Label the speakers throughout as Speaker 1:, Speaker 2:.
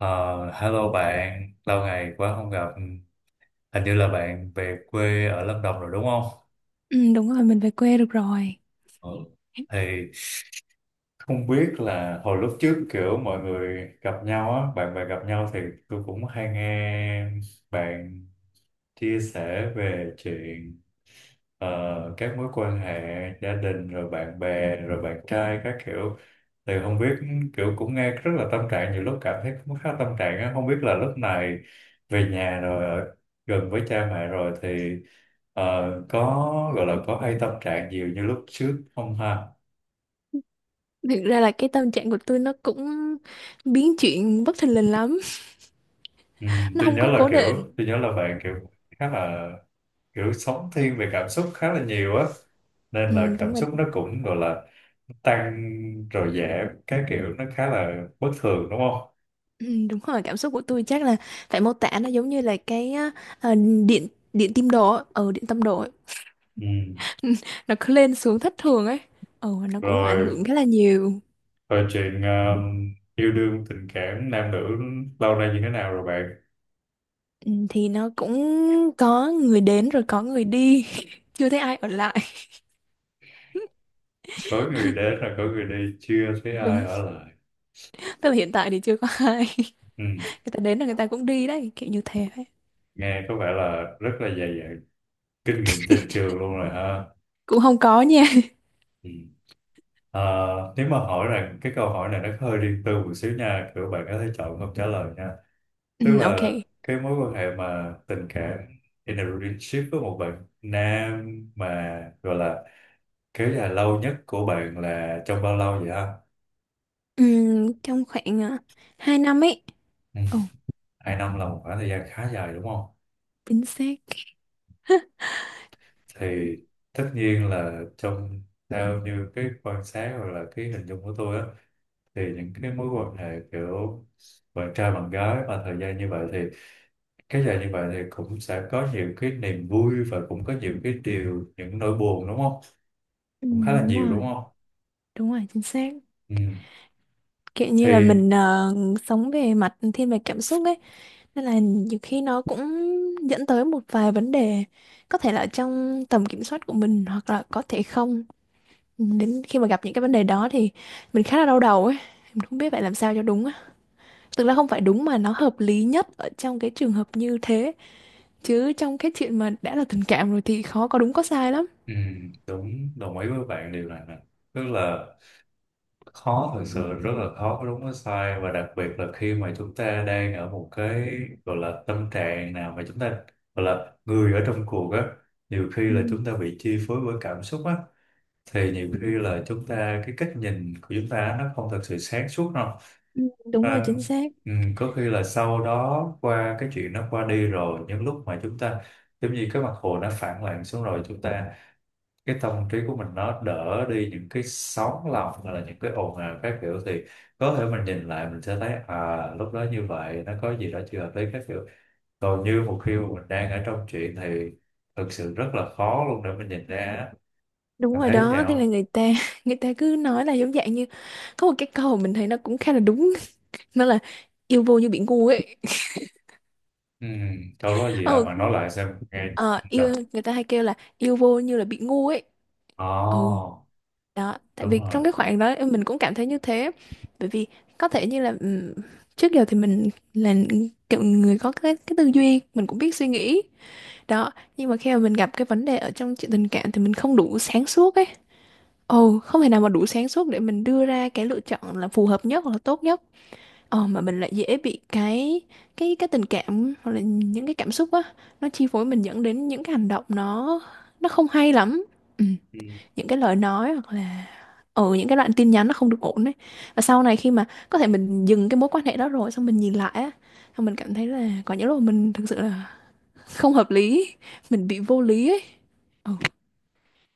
Speaker 1: Ờ, Hello bạn, lâu ngày quá không gặp. Hình như là bạn về quê ở Lâm Đồng rồi đúng không?
Speaker 2: Ừ, đúng rồi, mình về quê được rồi.
Speaker 1: Ừ. Thì Không biết là hồi lúc trước kiểu mọi người gặp nhau á, bạn bè gặp nhau thì tôi cũng hay nghe bạn chia sẻ về chuyện các mối quan hệ gia đình rồi bạn bè rồi bạn trai các kiểu, thì không biết, kiểu cũng nghe rất là tâm trạng, nhiều lúc cảm thấy cũng khá tâm trạng á. Không biết là lúc này về nhà rồi, ở gần với cha mẹ rồi thì có gọi là có hay tâm trạng nhiều như lúc trước không ha?
Speaker 2: Thực ra là cái tâm trạng của tôi nó cũng biến chuyển bất thình lình lắm.
Speaker 1: Ừ,
Speaker 2: Nó
Speaker 1: tôi
Speaker 2: không
Speaker 1: nhớ
Speaker 2: có
Speaker 1: là
Speaker 2: cố
Speaker 1: kiểu
Speaker 2: định.
Speaker 1: tôi nhớ là bạn kiểu khá là kiểu sống thiên về cảm xúc khá là nhiều á, nên là
Speaker 2: Ừ, đúng
Speaker 1: cảm
Speaker 2: rồi.
Speaker 1: xúc nó cũng gọi là tăng rồi giảm các kiểu, nó khá là bất thường đúng không?
Speaker 2: Ừ, đúng rồi, cảm xúc của tôi chắc là phải mô tả nó giống như là cái á, ờ, điện điện tim đồ ở ừ, điện tâm đồ ấy.
Speaker 1: Ừ.
Speaker 2: Nó cứ lên xuống thất thường ấy, ừ, nó cũng ảnh
Speaker 1: Rồi,
Speaker 2: hưởng khá là nhiều.
Speaker 1: rồi chuyện yêu đương tình cảm nam nữ lâu nay như thế nào rồi bạn?
Speaker 2: Ừ, thì nó cũng có người đến rồi có người đi, chưa thấy ai ở lại.
Speaker 1: Có người đến rồi có người đi, chưa thấy ai
Speaker 2: Đúng,
Speaker 1: ở lại.
Speaker 2: tức là hiện tại thì chưa có ai,
Speaker 1: Ừ.
Speaker 2: người ta đến là người ta cũng đi đấy, kiểu như thế ấy.
Speaker 1: Nghe có vẻ là rất là dày dặn kinh nghiệm tình trường luôn rồi ha.
Speaker 2: Cũng không có nha.
Speaker 1: Ừ. Ờ, nếu mà hỏi rằng cái câu hỏi này nó hơi riêng tư một xíu nha, kiểu bạn có thể chọn không trả lời nha. Tức
Speaker 2: Ừ, ok.
Speaker 1: là cái mối quan hệ mà tình cảm, in a relationship với một bạn nam, mà gọi là kéo dài lâu nhất của bạn là trong bao lâu vậy ha?
Speaker 2: Ừ, trong khoảng 2 năm ấy.
Speaker 1: Ừ.
Speaker 2: Ồ,
Speaker 1: Hai năm là một khoảng thời gian khá dài đúng không?
Speaker 2: chính xác.
Speaker 1: Thì Tất nhiên là trong, theo như cái quan sát hoặc là cái hình dung của tôi á, thì những cái mối quan hệ kiểu bạn trai bạn gái mà thời gian như vậy thì kéo dài như vậy thì cũng sẽ có nhiều cái niềm vui và cũng có nhiều cái điều, những nỗi buồn đúng không?
Speaker 2: Ừ,
Speaker 1: Cũng khá là
Speaker 2: đúng
Speaker 1: nhiều đúng
Speaker 2: rồi.
Speaker 1: không?
Speaker 2: Đúng rồi, chính xác.
Speaker 1: Ừ.
Speaker 2: Kiểu như là
Speaker 1: thì
Speaker 2: mình sống về mặt thiên về cảm xúc ấy, nên là nhiều khi nó cũng dẫn tới một vài vấn đề, có thể là trong tầm kiểm soát của mình hoặc là có thể không. Ừ, đến khi mà gặp những cái vấn đề đó thì mình khá là đau đầu ấy, mình không biết phải làm sao cho đúng á. Tức là không phải đúng mà nó hợp lý nhất ở trong cái trường hợp như thế, chứ trong cái chuyện mà đã là tình cảm rồi thì khó có đúng có sai lắm.
Speaker 1: ừ, đúng, đồng ý với bạn điều này nè. Tức là khó, thật sự rất là khó có đúng có sai, và đặc biệt là khi mà chúng ta đang ở một cái gọi là tâm trạng nào, mà chúng ta gọi là người ở trong cuộc á, nhiều khi
Speaker 2: Ừ.
Speaker 1: là chúng ta bị chi phối bởi cảm xúc á, thì nhiều khi là chúng ta, cái cách nhìn của chúng ta á, nó không thật sự sáng suốt đâu.
Speaker 2: Ừ, đúng rồi, chính
Speaker 1: Nên,
Speaker 2: xác.
Speaker 1: ừ, có khi là sau đó, qua cái chuyện nó qua đi rồi, những lúc mà chúng ta giống như cái mặt hồ nó phẳng lặng xuống, rồi chúng ta, cái tâm trí của mình nó đỡ đi những cái sóng lòng hoặc là những cái ồn ào các kiểu, thì có thể mình nhìn lại mình sẽ thấy à, lúc đó như vậy nó có gì đó chưa hợp lý các kiểu. Còn như một khi mà mình đang ở trong chuyện thì thực sự rất là khó luôn để mình nhìn ra á.
Speaker 2: Đúng
Speaker 1: Bạn
Speaker 2: rồi
Speaker 1: thấy vậy
Speaker 2: đó, thế
Speaker 1: không?
Speaker 2: là người ta người ta cứ nói là giống dạng như có một cái câu mình thấy nó cũng khá là đúng, nó là yêu vô như bị ngu ấy.
Speaker 1: Ừ, câu đó gì hả,
Speaker 2: Ờ,
Speaker 1: bạn nói lại xem nghe.
Speaker 2: ờ, yêu
Speaker 1: Đọc.
Speaker 2: người ta hay kêu là yêu vô như là bị ngu ấy. Ồ,
Speaker 1: Ồ,
Speaker 2: đó, tại
Speaker 1: đúng
Speaker 2: vì
Speaker 1: rồi.
Speaker 2: trong cái khoảng đó mình cũng cảm thấy như thế. Bởi vì có thể như là trước giờ thì mình là kiểu người có cái tư duy, mình cũng biết suy nghĩ. Đó, nhưng mà khi mà mình gặp cái vấn đề ở trong chuyện tình cảm thì mình không đủ sáng suốt ấy. Ồ, không thể nào mà đủ sáng suốt để mình đưa ra cái lựa chọn là phù hợp nhất hoặc là tốt nhất. Ờ, mà mình lại dễ bị cái tình cảm hoặc là những cái cảm xúc á, nó chi phối mình dẫn đến những cái hành động nó không hay lắm. Ừ, những cái lời nói hoặc là ở những cái đoạn tin nhắn nó không được ổn đấy. Và sau này khi mà có thể mình dừng cái mối quan hệ đó rồi xong mình nhìn lại á, xong mình cảm thấy là có những lúc mình thực sự là không hợp lý, mình bị vô lý ấy. Ừ,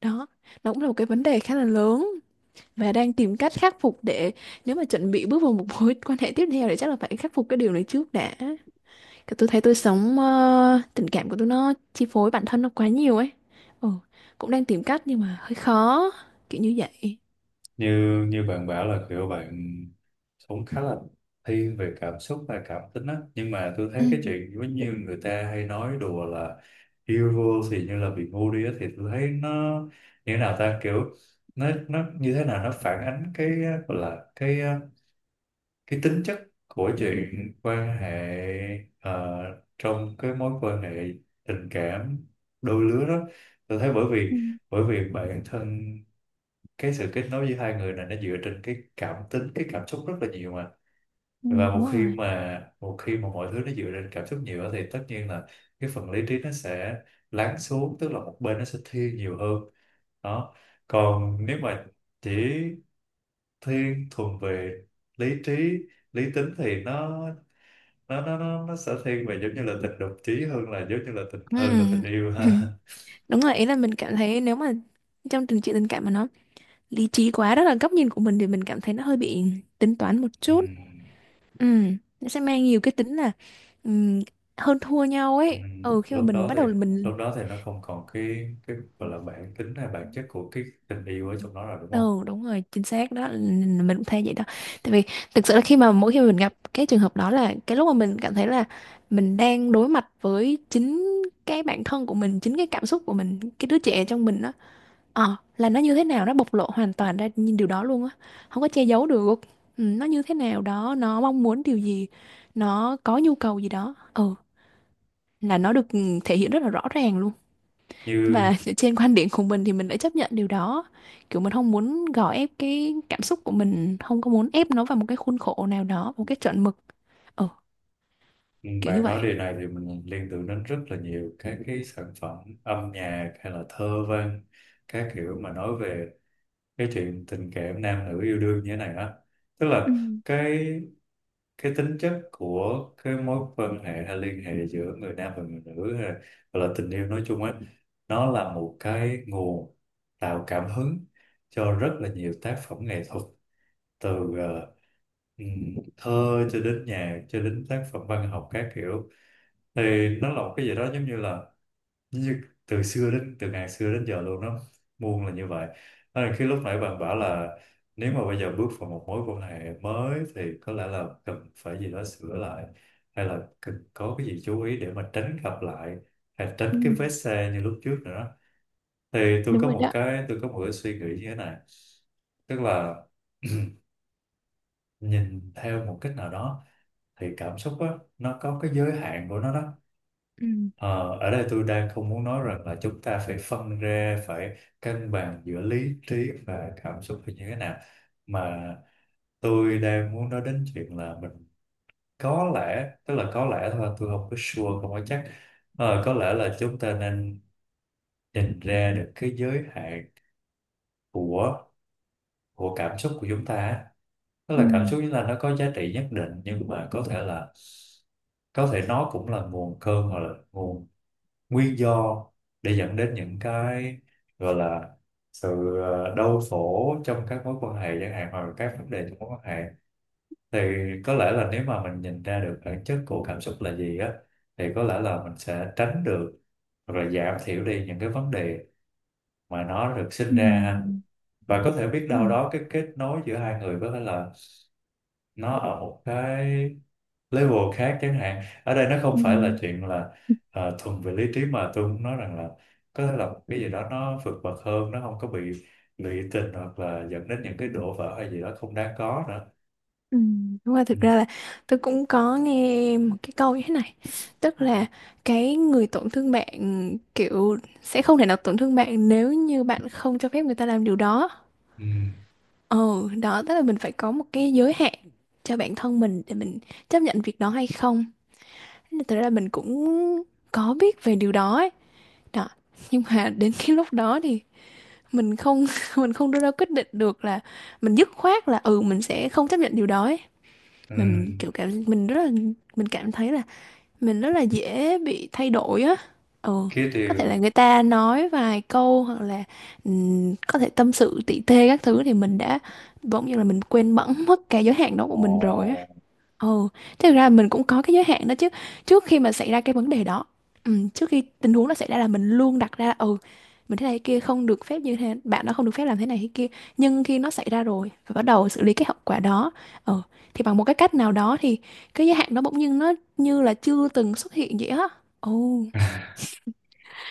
Speaker 2: đó, nó cũng là một cái vấn đề khá là lớn và đang tìm cách khắc phục để nếu mà chuẩn bị bước vào một mối quan hệ tiếp theo thì chắc là phải khắc phục cái điều này trước đã. Cái tôi thấy tôi sống tình cảm của tôi nó chi phối bản thân nó quá nhiều ấy. Ừ, cũng đang tìm cách nhưng mà hơi khó, kiểu như vậy.
Speaker 1: Như Như bạn bảo là kiểu bạn sống khá là thiên về cảm xúc và cảm tính á, nhưng mà tôi
Speaker 2: Ừ.
Speaker 1: thấy cái chuyện giống như người ta hay nói đùa là yêu vô thì như là bị ngu đi á, thì tôi thấy nó như thế nào ta, kiểu nó như thế nào, nó phản ánh cái gọi là cái tính chất của chuyện quan hệ, ờ, trong cái mối quan hệ tình cảm đôi lứa đó. Tôi thấy bởi vì,
Speaker 2: Ừ,
Speaker 1: bản thân cái sự kết nối giữa hai người này nó dựa trên cái cảm tính, cái cảm xúc rất là nhiều mà.
Speaker 2: ừ,
Speaker 1: Và
Speaker 2: đúng
Speaker 1: một khi
Speaker 2: rồi.
Speaker 1: mà, mọi thứ nó dựa trên cảm xúc nhiều á, thì tất nhiên là cái phần lý trí nó sẽ lắng xuống, tức là một bên nó sẽ thiên nhiều hơn. Đó, còn nếu mà chỉ thiên thuần về lý trí, lý tính, thì nó nó sẽ thiên về giống như là tình đồng chí, hơn là giống như là tình,
Speaker 2: Ừ.
Speaker 1: hơn là tình yêu
Speaker 2: Ừ.
Speaker 1: ha.
Speaker 2: Đúng rồi, ý là mình cảm thấy nếu mà trong chuyện tình cảm mà nó lý trí quá, đó là góc nhìn của mình, thì mình cảm thấy nó hơi bị tính toán một
Speaker 1: Ừ.
Speaker 2: chút. Ừ, nó sẽ mang nhiều cái tính là ừm, hơn thua nhau
Speaker 1: Ừ,
Speaker 2: ấy. Ừ, khi mà
Speaker 1: lúc
Speaker 2: mình
Speaker 1: đó
Speaker 2: bắt
Speaker 1: thì
Speaker 2: đầu là mình
Speaker 1: lúc đó thì nó không còn cái gọi là bản tính hay bản chất của cái tình yêu ở trong đó rồi đúng không?
Speaker 2: Ừ, đúng rồi, chính xác đó, mình cũng thấy vậy đó. Tại vì thực sự là khi mà mỗi khi mà mình gặp cái trường hợp đó là cái lúc mà mình cảm thấy là mình đang đối mặt với chính cái bản thân của mình, chính cái cảm xúc của mình, cái đứa trẻ trong mình đó. Ờ, là nó như thế nào, nó bộc lộ hoàn toàn ra nhìn điều đó luôn á. Không có che giấu được. Ừ, nó như thế nào đó, nó mong muốn điều gì, nó có nhu cầu gì đó. Ừ, là nó được thể hiện rất là rõ ràng luôn.
Speaker 1: như
Speaker 2: Và trên quan điểm của mình thì mình đã chấp nhận điều đó, kiểu mình không muốn gò ép cái cảm xúc của mình, không có muốn ép nó vào một cái khuôn khổ nào đó, một cái chuẩn mực, ờ
Speaker 1: ừ,
Speaker 2: kiểu như
Speaker 1: bạn
Speaker 2: vậy.
Speaker 1: nói điều này thì mình liên tưởng đến rất là nhiều các cái sản phẩm âm nhạc hay là thơ văn các kiểu, mà nói về cái chuyện tình cảm nam nữ yêu đương như thế này á. Tức
Speaker 2: Ừ.
Speaker 1: là cái cái tính chất của cái mối quan hệ hay liên hệ giữa người nam và người nữ, hay là, hoặc là tình yêu nói chung á, nó là một cái nguồn tạo cảm hứng cho rất là nhiều tác phẩm nghệ thuật, từ ờ, thơ cho đến nhạc cho đến tác phẩm văn học các kiểu. Thì nó là một cái gì đó giống như là như từ xưa, đến từ ngàn xưa đến giờ luôn đó, muôn là như vậy. Đó là khi lúc nãy bạn bảo là nếu mà bây giờ bước vào một mối quan hệ mới thì có lẽ là cần phải gì đó sửa lại, hay là cần có cái gì chú ý để mà tránh gặp lại, hay tránh
Speaker 2: Ừ,
Speaker 1: cái vết xe như lúc trước nữa đó. Thì tôi
Speaker 2: đúng
Speaker 1: có
Speaker 2: rồi
Speaker 1: một
Speaker 2: đó.
Speaker 1: cái tôi có một cái suy nghĩ như thế này. Tức là nhìn theo một cách nào đó thì cảm xúc á, nó có cái giới hạn của nó đó.
Speaker 2: ừ
Speaker 1: Ờ, ở đây tôi đang không muốn nói rằng là chúng ta phải phân ra, phải cân bằng giữa lý trí và cảm xúc là như thế nào. Mà tôi đang muốn nói đến chuyện là mình có lẽ, tức là có lẽ thôi, tôi không có sure, không có chắc. Ờ, có lẽ là chúng ta nên nhìn ra được cái giới hạn của cảm xúc của chúng ta á. Tức
Speaker 2: ừ
Speaker 1: là cảm xúc chúng ta nó có giá trị nhất định, nhưng mà có thể là, có thể nó cũng là nguồn cơn, hoặc là nguồn nguyên do để dẫn đến những cái gọi là sự đau khổ trong các mối quan hệ chẳng hạn, hoặc là các vấn đề trong mối quan hệ. Thì có lẽ là nếu mà mình nhìn ra được bản chất của cảm xúc là gì á, thì có lẽ là mình sẽ tránh được hoặc là giảm thiểu đi những cái vấn đề mà nó được sinh ra ha. Và có thể biết đâu đó cái kết nối giữa hai người có thể là nó ở một cái level khác chẳng hạn. Ở đây nó không phải là chuyện là thuần về lý trí, mà tôi muốn nói rằng là có thể là cái gì đó nó vượt bậc hơn, nó không có bị lụy tình hoặc là dẫn đến những cái đổ vỡ hay gì đó không đáng có nữa.
Speaker 2: ừ Đúng rồi,
Speaker 1: Ừ.
Speaker 2: thực ra là tôi cũng có nghe một cái câu như thế này. Tức là cái người tổn thương bạn kiểu sẽ không thể nào tổn thương bạn nếu như bạn không cho phép người ta làm điều đó.
Speaker 1: Ừ.
Speaker 2: Ừ, đó, tức là mình phải có một cái giới hạn cho bản thân mình để mình chấp nhận việc đó hay không. Thế là thật ra mình cũng có biết về điều đó ấy. Đó. Nhưng mà đến cái lúc đó thì mình không mình không đưa ra quyết định được là mình dứt khoát là ừ mình sẽ không chấp nhận điều đó ấy.
Speaker 1: Ừ.
Speaker 2: Mà mình kiểu mình rất là mình cảm thấy là mình rất là dễ bị thay đổi á. Ừ,
Speaker 1: khí
Speaker 2: có thể
Speaker 1: điều
Speaker 2: là người ta nói vài câu hoặc là có thể tâm sự tỉ tê các thứ thì mình đã bỗng nhiên là mình quên bẵng mất cái giới hạn đó của
Speaker 1: Ồ,
Speaker 2: mình rồi á. Ồ, thực ra mình cũng có cái giới hạn đó chứ. Trước khi mà xảy ra cái vấn đề đó, ừ, trước khi tình huống nó xảy ra là mình luôn đặt ra là, ừ mình thế này thế kia không được phép như thế, bạn đó không được phép làm thế này thế kia. Nhưng khi nó xảy ra rồi và bắt đầu xử lý cái hậu quả đó, ừ thì bằng một cái cách nào đó thì cái giới hạn đó bỗng nhiên nó như là chưa từng xuất hiện vậy á. Ồ,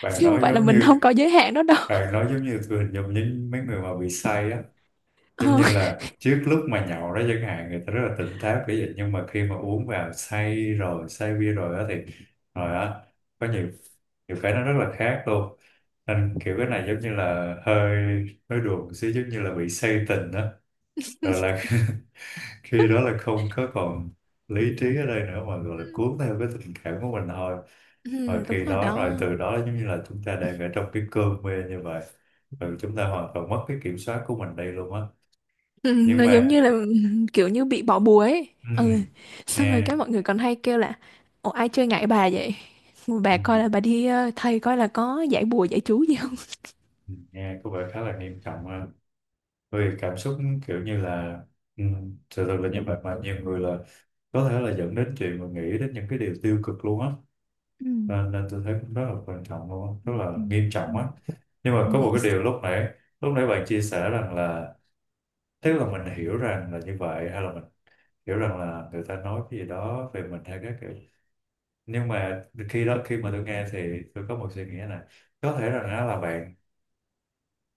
Speaker 1: bạn
Speaker 2: chứ không
Speaker 1: nói
Speaker 2: phải là
Speaker 1: giống
Speaker 2: mình
Speaker 1: như
Speaker 2: không có giới hạn đó đâu.
Speaker 1: bạn nói giống như tôi hình dung những mấy người mà bị say á,
Speaker 2: Ờ,
Speaker 1: giống như là trước lúc mà nhậu đó chẳng hạn, người ta rất là tỉnh táo kiểu vậy, nhưng mà khi mà uống vào say rồi, say bia rồi đó thì rồi á, có nhiều, nhiều cái nó rất là khác luôn. Nên kiểu cái này giống như là hơi, hơi đùa một xíu, giống như là bị say tình đó, rồi là khi đó là không có còn lý trí ở đây nữa, mà gọi là cuốn theo cái tình cảm của mình thôi. Rồi
Speaker 2: ừ, đúng
Speaker 1: khi
Speaker 2: rồi
Speaker 1: đó, rồi
Speaker 2: đó.
Speaker 1: từ đó giống như là chúng ta đang ở trong cái cơn mê như vậy, rồi chúng ta hoàn toàn mất cái kiểm soát của mình đây luôn á.
Speaker 2: Ừ,
Speaker 1: Nhưng
Speaker 2: nó giống
Speaker 1: mà
Speaker 2: như là kiểu như bị bỏ bùa ấy. Ừ.
Speaker 1: ừm,
Speaker 2: Xong rồi
Speaker 1: nghe
Speaker 2: các mọi người còn hay kêu là ủa ai chơi ngại bà vậy, mà bà coi
Speaker 1: ừm,
Speaker 2: là bà đi thầy coi là có giải bùa giải chú gì không.
Speaker 1: nghe có vẻ khá là nghiêm trọng ha, bởi vì cảm xúc kiểu như là sự thật là như vậy, mà nhiều người là có thể là dẫn đến chuyện mà nghĩ đến những cái điều tiêu cực luôn á.
Speaker 2: Ừ.
Speaker 1: Nên, nên tôi thấy cũng rất là quan trọng luôn
Speaker 2: Ừ.
Speaker 1: á, rất là
Speaker 2: Ừ.
Speaker 1: nghiêm
Speaker 2: Ừ.
Speaker 1: trọng á. Nhưng mà
Speaker 2: Ừ.
Speaker 1: có một cái điều lúc nãy bạn chia sẻ rằng là, tức là mình hiểu rằng là như vậy, hay là mình hiểu rằng là người ta nói cái gì đó về mình hay các kiểu, nhưng mà khi đó, khi mà tôi nghe thì tôi có một suy nghĩ này. Có thể rằng á là bạn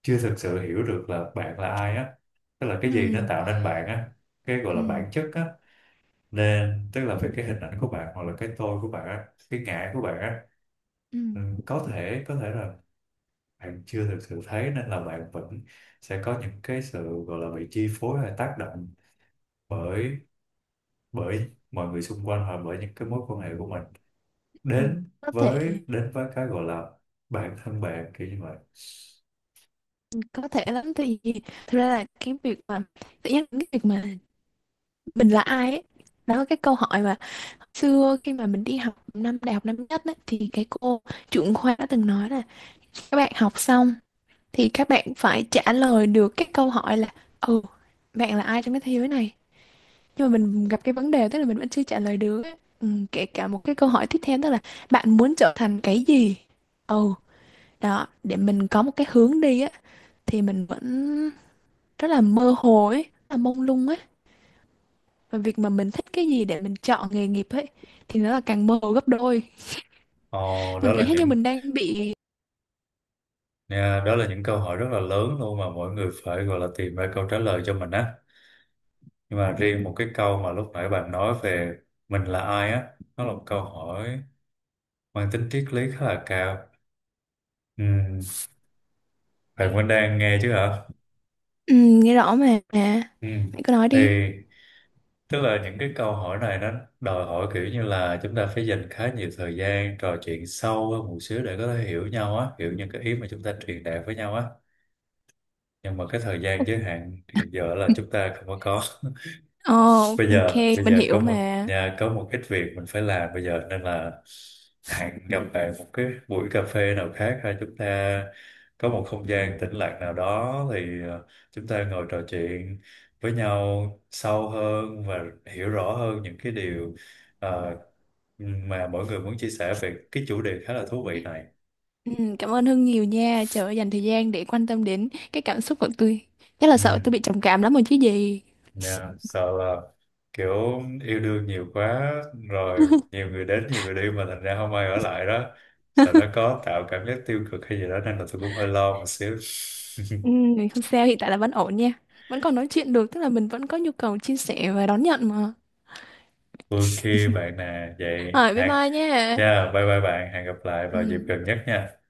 Speaker 1: chưa thực sự hiểu được là bạn là ai á, tức là cái gì nó
Speaker 2: Ừ,
Speaker 1: tạo nên bạn á, cái gọi là
Speaker 2: ừ,
Speaker 1: bản chất á. Nên tức là về cái hình ảnh của bạn, hoặc là cái tôi của bạn á, cái ngã của bạn á,
Speaker 2: ừ,
Speaker 1: ừ, có thể, có thể là bạn chưa thực sự thấy, nên là bạn vẫn sẽ có những cái sự gọi là bị chi phối hay tác động bởi, mọi người xung quanh, hoặc bởi những cái mối quan hệ của mình
Speaker 2: ừ.
Speaker 1: đến
Speaker 2: có thể
Speaker 1: với, cái gọi là bản thân bạn kiểu như vậy.
Speaker 2: có thể lắm thì, thực ra là cái việc mà tự nhiên cái việc mà mình là ai ấy, đó là cái câu hỏi mà xưa khi mà mình đi học năm đại học năm nhất ấy, thì cái cô trưởng khoa đã từng nói là các bạn học xong thì các bạn phải trả lời được cái câu hỏi là ừ bạn là ai trong cái thế giới này. Nhưng mà mình gặp cái vấn đề tức là mình vẫn chưa trả lời được á. Ừ, kể cả một cái câu hỏi tiếp theo tức là bạn muốn trở thành cái gì, ừ đó để mình có một cái hướng đi á, thì mình vẫn rất là mơ hồ ấy, rất là mông lung ấy. Và việc mà mình thích cái gì để mình chọn nghề nghiệp ấy thì nó là càng mơ hồ gấp đôi.
Speaker 1: Ồ, đó
Speaker 2: Mình cảm
Speaker 1: là
Speaker 2: giác như
Speaker 1: những—
Speaker 2: mình đang bị…
Speaker 1: Nha, đó là những câu hỏi rất là lớn luôn mà mỗi người phải gọi là tìm ra câu trả lời cho mình á. Nhưng mà riêng một cái câu mà lúc nãy bạn nói về mình là ai á, nó là một câu hỏi mang tính triết lý khá là cao. Ừ, bạn vẫn đang nghe chứ hả?
Speaker 2: Ừ, nghe rõ mà mẹ
Speaker 1: Ừ.
Speaker 2: cứ nói
Speaker 1: Thì
Speaker 2: đi.
Speaker 1: Tức là những cái câu hỏi này nó đòi hỏi kiểu như là chúng ta phải dành khá nhiều thời gian trò chuyện sâu hơn một xíu để có thể hiểu nhau á, hiểu những cái ý mà chúng ta truyền đạt với nhau á. Nhưng mà cái thời gian
Speaker 2: Ok.
Speaker 1: giới hạn hiện giờ là chúng ta không có có.
Speaker 2: Ồ,
Speaker 1: bây
Speaker 2: ok,
Speaker 1: giờ bây
Speaker 2: mình
Speaker 1: giờ
Speaker 2: hiểu
Speaker 1: có một
Speaker 2: mà.
Speaker 1: nhà có một ít việc mình phải làm bây giờ, nên là hẹn gặp bạn một cái buổi cà phê nào khác, hay chúng ta có một không gian tĩnh lặng nào đó, thì chúng ta ngồi trò chuyện với nhau sâu hơn và hiểu rõ hơn những cái điều ờ, mà mỗi người muốn chia sẻ về cái chủ đề khá là thú vị này.
Speaker 2: Ừ, cảm ơn Hưng nhiều nha. Trời ơi, dành thời gian để quan tâm đến cái cảm xúc của tôi. Chắc là sợ tôi
Speaker 1: Ừ.
Speaker 2: bị trầm cảm lắm rồi chứ gì.
Speaker 1: Dạ, sợ là kiểu yêu đương nhiều quá, rồi nhiều người đến nhiều người đi mà thành ra không ai ở lại đó, sợ nó có tạo cảm giác tiêu cực hay gì đó, nên là tôi cũng hơi lo một xíu.
Speaker 2: Ừ, không sao, hiện tại là vẫn ổn nha. Vẫn còn nói chuyện được, tức là mình vẫn có nhu cầu chia sẻ và đón nhận mà.
Speaker 1: Ok bạn nè, vậy
Speaker 2: Rồi, bye
Speaker 1: hẹn—
Speaker 2: bye nha.
Speaker 1: Yeah, bye bye bạn, hẹn gặp lại vào dịp
Speaker 2: Ừ.
Speaker 1: gần nhất nha.